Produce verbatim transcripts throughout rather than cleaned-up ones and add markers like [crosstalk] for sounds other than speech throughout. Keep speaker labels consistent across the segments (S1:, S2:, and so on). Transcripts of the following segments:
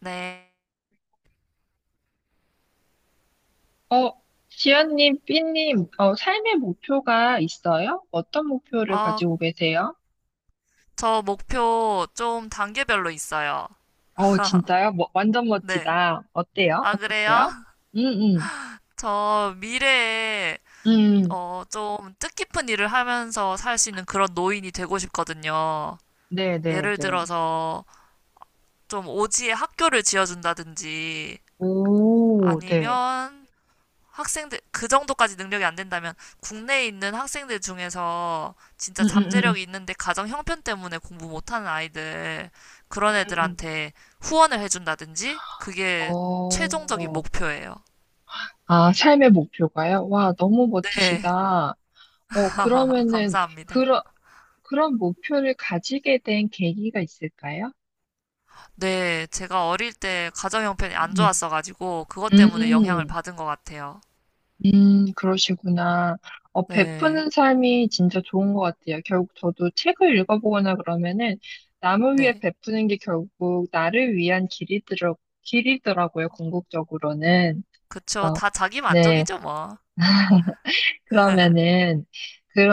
S1: 네.
S2: 어, 지연님, 삐님, 어, 삶의 목표가 있어요? 어떤 목표를
S1: 아,
S2: 가지고 계세요?
S1: 저 목표 좀 단계별로 있어요.
S2: 어, 진짜요? 뭐, 완전
S1: 네.
S2: 멋지다. 어때요?
S1: 아, 그래요?
S2: 어떡해요?
S1: [laughs]
S2: 음.
S1: 저 미래에,
S2: 음. 음.
S1: 어, 좀 뜻깊은 일을 하면서 살 수 있는 그런 노인이 되고 싶거든요.
S2: 네, 네,
S1: 예를
S2: 네.
S1: 들어서, 좀 오지에 학교를 지어준다든지,
S2: 오, 네.
S1: 아니면 학생들, 그 정도까지 능력이 안 된다면 국내에 있는 학생들 중에서
S2: 음.
S1: 진짜
S2: 음. 음.
S1: 잠재력이 있는데 가정 형편 때문에 공부 못하는 아이들, 그런
S2: 음.
S1: 애들한테 후원을 해준다든지, 그게 최종적인
S2: 어,
S1: 목표예요.
S2: 아, 삶의 목표가요? 와, 너무
S1: 네,
S2: 멋지시다. 어,
S1: 아, [laughs]
S2: 그러면은,
S1: 감사합니다.
S2: 그런, 그런 목표를 가지게 된 계기가 있을까요?
S1: 네, 제가 어릴 때 가정 형편이 안
S2: 음.
S1: 좋았어가지고, 그것 때문에 영향을
S2: 음.
S1: 받은 것 같아요.
S2: 음, 그러시구나. 어,
S1: 네,
S2: 베푸는 삶이 진짜 좋은 것 같아요. 결국 저도 책을 읽어보거나 그러면은 남을 위해
S1: 네.
S2: 베푸는 게 결국 나를 위한 길이더라, 길이더라고요, 궁극적으로는.
S1: 그쵸.
S2: 그래서,
S1: 다 자기
S2: 네,
S1: 만족이죠, 뭐. [laughs]
S2: 그러면은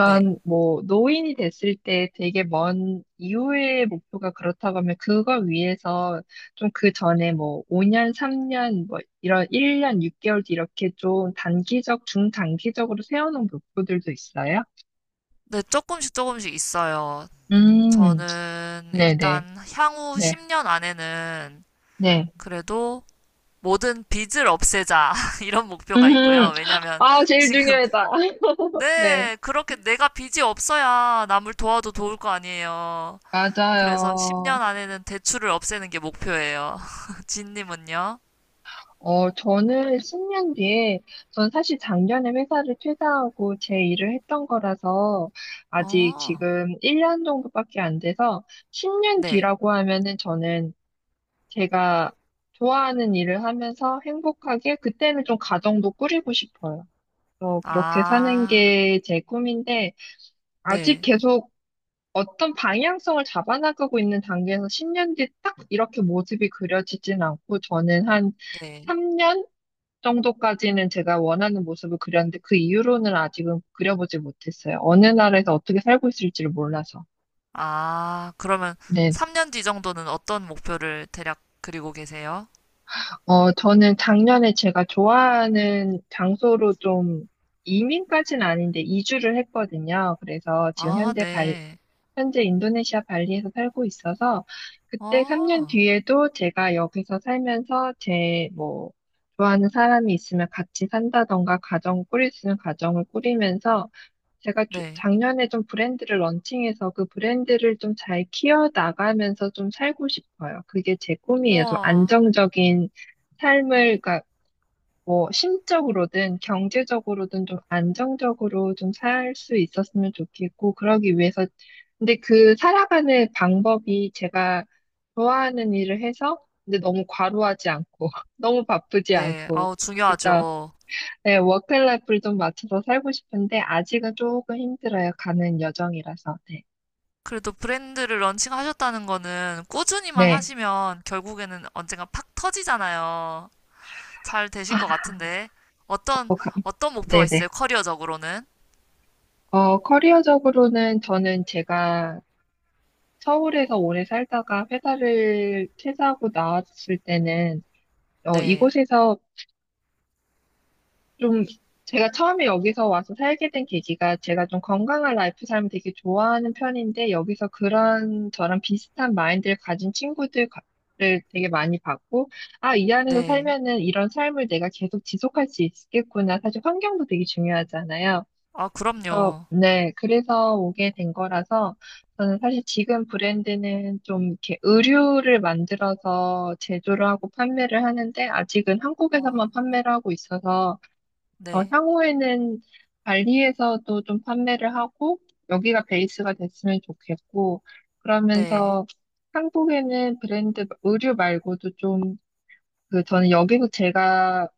S1: 네.
S2: 뭐 노인이 됐을 때 되게 먼 이후의 목표가 그렇다고 하면 그걸 위해서 좀 그 전에 뭐 오 년, 삼 년 뭐 이런 일 년, 육 개월 뒤 이렇게 좀 단기적, 중단기적으로 세워놓은 목표들도 있어요?
S1: 네, 조금씩 조금씩 있어요.
S2: 음.
S1: 저는
S2: 네네,
S1: 일단 향후
S2: 네,
S1: 십 년 안에는
S2: 네.
S1: 그래도 모든 빚을 없애자 [laughs] 이런 목표가
S2: 음,
S1: 있고요. 왜냐면
S2: 아, 제일
S1: 지금
S2: 중요하다. [laughs] 네,
S1: 네, 그렇게 내가 빚이 없어야 남을 도와도 도울 거 아니에요. 그래서
S2: 맞아요.
S1: 십 년 안에는 대출을 없애는 게 목표예요. [laughs] 진님은요?
S2: 어, 저는 십 년 뒤에, 전 사실 작년에 회사를 퇴사하고 제 일을 했던 거라서, 아직
S1: 어,
S2: 지금 일 년 정도밖에 안 돼서, 십 년
S1: 네.
S2: 뒤라고 하면은 저는 제가 좋아하는 일을 하면서 행복하게, 그때는 좀 가정도 꾸리고 싶어요. 어, 그렇게 사는
S1: 아,
S2: 게 제 꿈인데, 아직
S1: 네,
S2: 계속 어떤 방향성을 잡아나가고 있는 단계에서 십 년 뒤 딱 이렇게 모습이 그려지진 않고, 저는 한,
S1: 네.
S2: 삼 년? 정도까지는 제가 원하는 모습을 그렸는데 그 이후로는 아직은 그려보지 못했어요. 어느 나라에서 어떻게 살고 있을지를 몰라서.
S1: 아, 그러면
S2: 네.
S1: 삼 년 뒤 정도는 어떤 목표를 대략 그리고 계세요?
S2: 어, 저는 작년에 제가 좋아하는 장소로 좀 이민까지는 아닌데 이주를 했거든요. 그래서 지금
S1: 아,
S2: 현재 발,
S1: 네.
S2: 현재 인도네시아 발리에서 살고 있어서 그때 삼 년
S1: 아,
S2: 뒤에도 제가 여기서 살면서 제 뭐 좋아하는 사람이 있으면 같이 산다던가 가정 꾸릴 수 있는 가정을 꾸리면서 제가 조-
S1: 네.
S2: 작년에 좀 브랜드를 런칭해서 그 브랜드를 좀 잘 키워나가면서 좀 살고 싶어요. 그게 제 꿈이에요. 좀
S1: 우와.
S2: 안정적인 삶을, 그러니까 뭐 심적으로든 경제적으로든 좀 안정적으로 좀 살 수 있었으면 좋겠고, 그러기 위해서. 근데 그 살아가는 방법이 제가 좋아하는 일을 해서, 근데 너무 과로하지 않고, [laughs] 너무 바쁘지
S1: 네.
S2: 않고,
S1: 아우, 중요하죠.
S2: 진짜 네, 워크라이프를 좀 맞춰서 살고 싶은데 아직은 조금 힘들어요. 가는 여정이라서. 네.
S1: 그래도 브랜드를 런칭하셨다는 거는 꾸준히만
S2: 네.
S1: 하시면 결국에는 언젠가 팍 터지잖아요. 잘 되실 것
S2: 아,
S1: 같은데. 어떤,
S2: 어, 가-
S1: 어떤 목표가 있으세요?
S2: 네네.
S1: 커리어적으로는?
S2: 어, 커리어적으로는 저는 제가 서울에서 오래 살다가 회사를 퇴사하고 나왔을 때는 어,
S1: 네.
S2: 이곳에서 좀 제가 처음에 여기서 와서 살게 된 계기가 제가 좀 건강한 라이프 삶을 되게 좋아하는 편인데 여기서 그런 저랑 비슷한 마인드를 가진 친구들을 되게 많이 봤고 아, 이 안에서
S1: 네.
S2: 살면은 이런 삶을 내가 계속 지속할 수 있겠구나. 사실 환경도 되게 중요하잖아요.
S1: 아,
S2: 그래서
S1: 그럼요.
S2: 네, 그래서 오게 된 거라서 저는 사실 지금 브랜드는 좀 이렇게 의류를 만들어서 제조를 하고 판매를 하는데 아직은
S1: 아,
S2: 한국에서만 판매를 하고 있어서 어,
S1: 네.
S2: 향후에는 발리에서도 좀 판매를 하고 여기가 베이스가 됐으면 좋겠고
S1: 네.
S2: 그러면서 한국에는 브랜드 의류 말고도 좀 그 저는 여기서 제가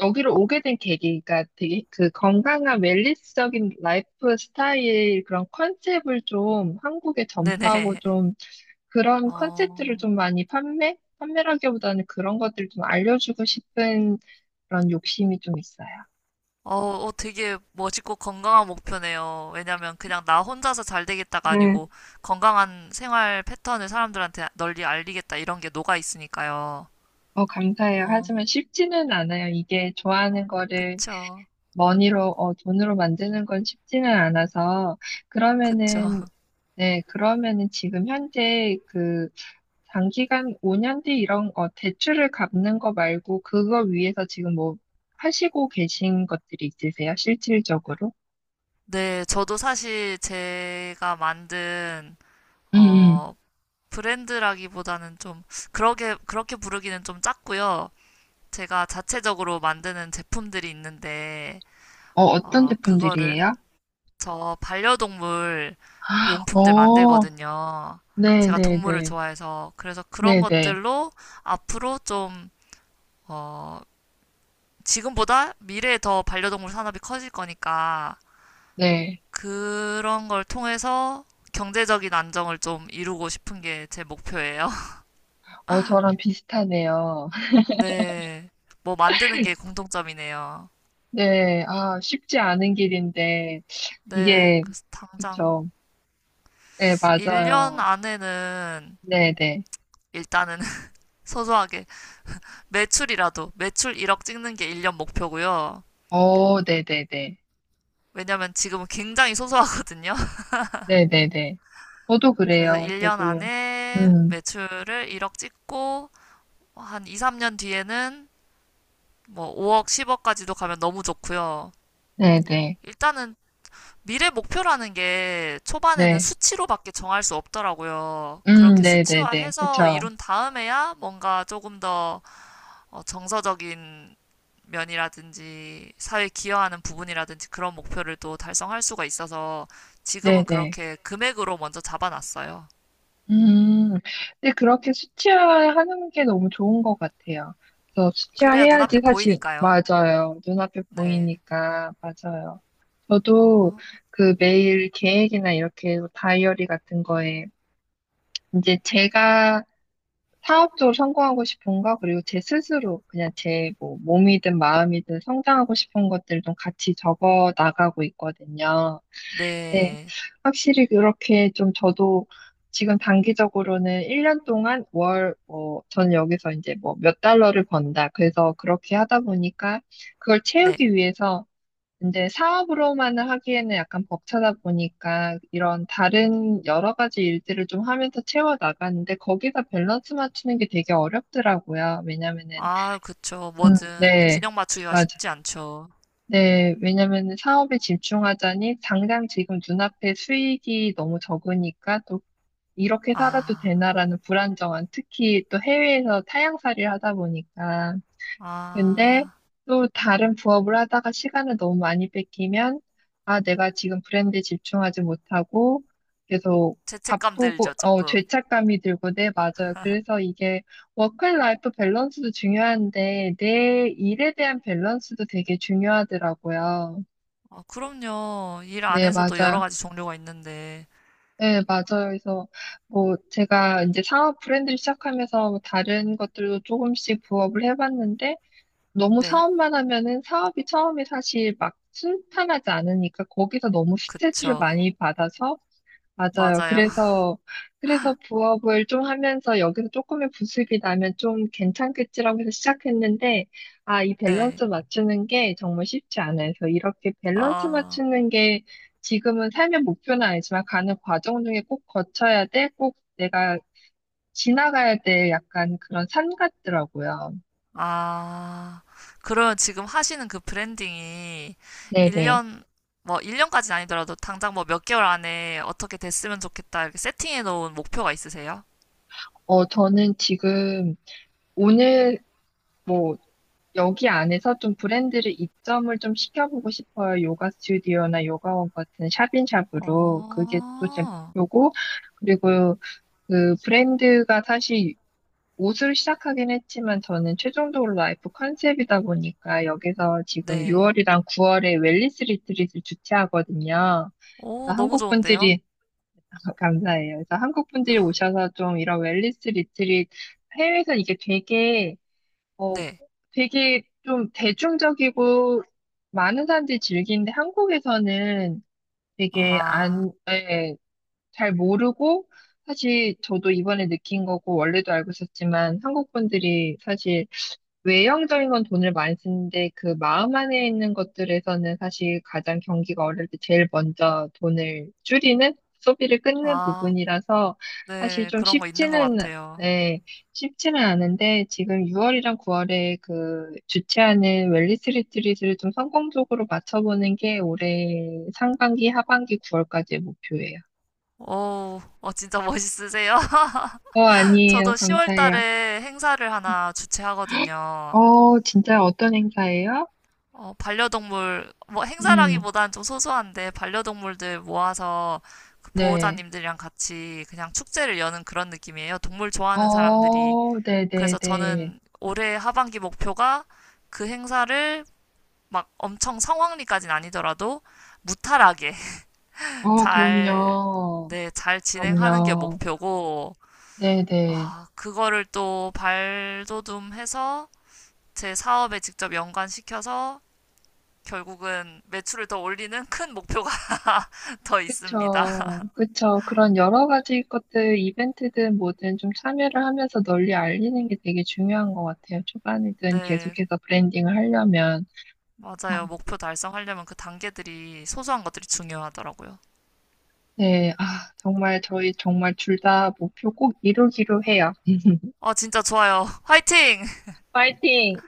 S2: 여기로 오게 된 계기가 되게 그 건강한 웰니스적인 라이프 스타일 그런 컨셉을 좀 한국에 전파하고
S1: 네네. [laughs]
S2: 좀 그런 컨셉들을
S1: 어,
S2: 좀 많이 판매? 판매라기보다는 그런 것들을 좀 알려주고 싶은 그런 욕심이 좀 있어요.
S1: 어, 어, 되게 멋있고 건강한 목표네요. 왜냐면 그냥 나 혼자서 잘 되겠다가
S2: 네.
S1: 아니고 건강한 생활 패턴을 사람들한테 널리 알리겠다 이런 게 녹아 있으니까요.
S2: 어, 감사해요.
S1: 어,
S2: 하지만 쉽지는 않아요. 이게 좋아하는 거를
S1: 그쵸.
S2: 머니로, 어, 돈으로 만드는 건 쉽지는 않아서,
S1: 그쵸.
S2: 그러면은, 네, 그러면은 지금 현재 그 장기간 오 년 뒤 이런, 어, 대출을 갚는 거 말고, 그걸 위해서 지금 뭐 하시고 계신 것들이 있으세요? 실질적으로?
S1: 네, 저도 사실 제가 만든,
S2: 음. 음.
S1: 어, 브랜드라기보다는 좀, 그렇게, 그렇게 부르기는 좀 작고요. 제가 자체적으로 만드는 제품들이 있는데,
S2: 어, 어떤
S1: 어, 그거를
S2: 제품들이에요?
S1: 저 반려동물 그 용품들
S2: 어,
S1: 만들거든요. 제가 동물을
S2: 네네네.
S1: 좋아해서. 그래서 그런
S2: 네네.
S1: 것들로 앞으로 좀, 어, 지금보다 미래에 더 반려동물 산업이 커질 거니까
S2: 네.
S1: 그런 걸 통해서 경제적인 안정을 좀 이루고 싶은 게 제 목표예요. [laughs]
S2: 어, 저랑 비슷하네요.
S1: 네. 뭐 만드는 게 공통점이네요.
S2: 네, 아, 쉽지 않은 길인데,
S1: 네.
S2: 이게,
S1: 그래서 당장
S2: 그쵸. 네,
S1: 일 년
S2: 맞아요.
S1: 안에는
S2: 네네.
S1: 일단은 [laughs] 소소하게 매출이라도 매출 일억 찍는 게 일 년 목표고요.
S2: 어, 네네네.
S1: 왜냐면 지금은 굉장히 소소하거든요. [laughs]
S2: 네네네. 저도
S1: 그래서
S2: 그래요.
S1: 일 년
S2: 저도.
S1: 안에
S2: 음.
S1: 매출을 일억 찍고 한 이, 삼 년 뒤에는 뭐 오억, 십억까지도 가면 너무 좋고요.
S2: 네네.
S1: 일단은 미래 목표라는 게 초반에는
S2: 네.
S1: 수치로밖에 정할 수 없더라고요.
S2: 음.
S1: 그렇게
S2: 네네네.
S1: 수치화해서
S2: 그쵸.
S1: 이룬 다음에야 뭔가 조금 더 어, 정서적인 면이라든지 사회에 기여하는 부분이라든지 그런 목표를 또 달성할 수가 있어서 지금은
S2: 네네.
S1: 그렇게 금액으로 먼저 잡아놨어요.
S2: 음. 근데 그렇게 수치화하는 게 너무 좋은 것 같아요. 그래서
S1: 그래야
S2: 수치화해야지
S1: 눈앞에
S2: 사실
S1: 보이니까요.
S2: 맞아요. 눈앞에
S1: 네.
S2: 보이니까 맞아요. 저도
S1: 어,
S2: 그 매일 계획이나 이렇게 다이어리 같은 거에 이제 제가 사업적으로 성공하고 싶은 거 그리고 제 스스로 그냥 제 뭐 몸이든 마음이든 성장하고 싶은 것들 좀 같이 적어 나가고 있거든요. 네,
S1: 네.
S2: 확실히 그렇게 좀 저도 지금 단기적으로는 일 년 동안 월, 뭐, 전 여기서 이제 뭐 몇 달러를 번다. 그래서 그렇게 하다 보니까 그걸
S1: 네.
S2: 채우기 위해서 이제 사업으로만은 하기에는 약간 벅차다 보니까 이런 다른 여러 가지 일들을 좀 하면서 채워 나가는데 거기다 밸런스 맞추는 게 되게 어렵더라고요. 왜냐면은,
S1: 아, 그쵸.
S2: 음.
S1: 뭐든
S2: 네.
S1: 균형 맞추기가
S2: 맞아요.
S1: 쉽지 않죠.
S2: 네, 왜냐면 사업에 집중하자니 당장 지금 눈앞에 수익이 너무 적으니까 또 이렇게 살아도
S1: 아,
S2: 되나라는 불안정한 특히 또 해외에서 타향살이를 하다 보니까 근데
S1: 아.
S2: 또 다른 부업을 하다가 시간을 너무 많이 뺏기면, 아, 내가 지금 브랜드에 집중하지 못하고 계속
S1: 죄책감
S2: 바쁘고,
S1: 들죠,
S2: 어,
S1: 조금.
S2: 죄책감이 들고, 네, 맞아요. 그래서 이게 워크앤라이프 밸런스도 중요한데, 내 일에 대한 밸런스도 되게 중요하더라고요.
S1: 어, 그럼요. 일
S2: 네,
S1: 안에서도 여러
S2: 맞아요.
S1: 가지 종류가 있는데.
S2: 네, 맞아요. 그래서 뭐 제가 이제 상업 브랜드를 시작하면서 뭐 다른 것들도 조금씩 부업을 해봤는데, 너무
S1: 네.
S2: 사업만 하면은 사업이 처음에 사실 막 순탄하지 않으니까 거기서 너무 스트레스를
S1: 그쵸.
S2: 많이 받아서 맞아요.
S1: 맞아요. [laughs]
S2: 그래서 그래서 부업을 좀 하면서 여기서 조금의 부습이 나면 좀 괜찮겠지라고 해서 시작했는데 아, 이
S1: 네.
S2: 밸런스 맞추는 게 정말 쉽지 않아요. 그래서 이렇게 밸런스
S1: 아.
S2: 맞추는 게 지금은 삶의 목표는 아니지만 가는 과정 중에 꼭 거쳐야 돼. 꼭 내가 지나가야 될 약간 그런 산 같더라고요.
S1: 아, 그러면 지금 하시는 그 브랜딩이
S2: 네네.
S1: 일 년, 뭐 일 년까지는 아니더라도 당장 뭐 몇 개월 안에 어떻게 됐으면 좋겠다 이렇게 세팅해 놓은 목표가 있으세요?
S2: 어, 저는 지금 오늘 뭐 여기 안에서 좀 브랜드를 입점을 좀 시켜보고 싶어요. 요가 스튜디오나 요가원 같은 샵인샵으로. 그게 또 제
S1: 어,
S2: 목표고. 그리고 그 브랜드가 사실 옷을 시작하긴 했지만 저는 최종적으로 라이프 컨셉이다 보니까 여기서 지금
S1: 네.
S2: 유월이랑 구월에 웰니스 리트릿을 주최하거든요.
S1: 오, 너무
S2: 한국
S1: 좋은데요?
S2: 분들이 [laughs] 감사해요. 그래서 한국 분들이 오셔서 좀 이런 웰니스 리트릿 해외에서는 이게 되게 어
S1: 네.
S2: 되게 좀 대중적이고 많은 사람들이 즐기는데 한국에서는 되게
S1: 아,
S2: 안, 예, 잘 모르고 사실 저도 이번에 느낀 거고 원래도 알고 있었지만 한국 분들이 사실 외형적인 건 돈을 많이 쓰는데 그 마음 안에 있는 것들에서는 사실 가장 경기가 어려울 때 제일 먼저 돈을 줄이는 소비를 끊는
S1: 아,
S2: 부분이라서 사실
S1: 네.
S2: 좀
S1: 그런 거 있는 것
S2: 쉽지는
S1: 같아요.
S2: 예, 쉽지는 않은데 지금 유월이랑 구월에 그 주최하는 웰니스 리트릿을 좀 성공적으로 맞춰보는 게 올해 상반기, 하반기 구월까지의 목표예요.
S1: 오, 어, 진짜 멋있으세요?
S2: 어,
S1: [laughs]
S2: 아니에요.
S1: 저도 시월
S2: 감사해요.
S1: 달에 행사를 하나 주최하거든요.
S2: 어, 진짜 어떤 행사예요?
S1: 어, 반려동물, 뭐 행사라기
S2: 음.
S1: 보다좀 소소한데, 반려동물들 모아서 그
S2: 네.
S1: 보호자님들이랑 같이 그냥 축제를 여는 그런 느낌이에요. 동물 좋아하는 사람들이.
S2: 어,
S1: 그래서
S2: 네네네.
S1: 저는 올해 하반기 목표가 그 행사를 막 엄청 성황리까진 아니더라도 무탈하게 [laughs]
S2: 어,
S1: 잘,
S2: 그럼요.
S1: 네, 잘 진행하는 게
S2: 그럼요.
S1: 목표고,
S2: 네네.
S1: 아, 그거를 또 발돋움해서 제 사업에 직접 연관시켜서 결국은 매출을 더 올리는 큰 목표가 더 있습니다. [laughs]
S2: 그쵸. 그쵸. 그런 여러 가지 것들, 이벤트든 뭐든 좀 참여를 하면서 널리 알리는 게 되게 중요한 것 같아요. 초반이든
S1: 네,
S2: 계속해서 브랜딩을 하려면.
S1: 맞아요. 목표 달성하려면 그 단계들이 소소한 것들이 중요하더라고요.
S2: 네. 아, 정말 저희 정말 둘 다 목표 꼭 이루기로 해요.
S1: 아, 진짜 좋아요. 화이팅!
S2: 파이팅!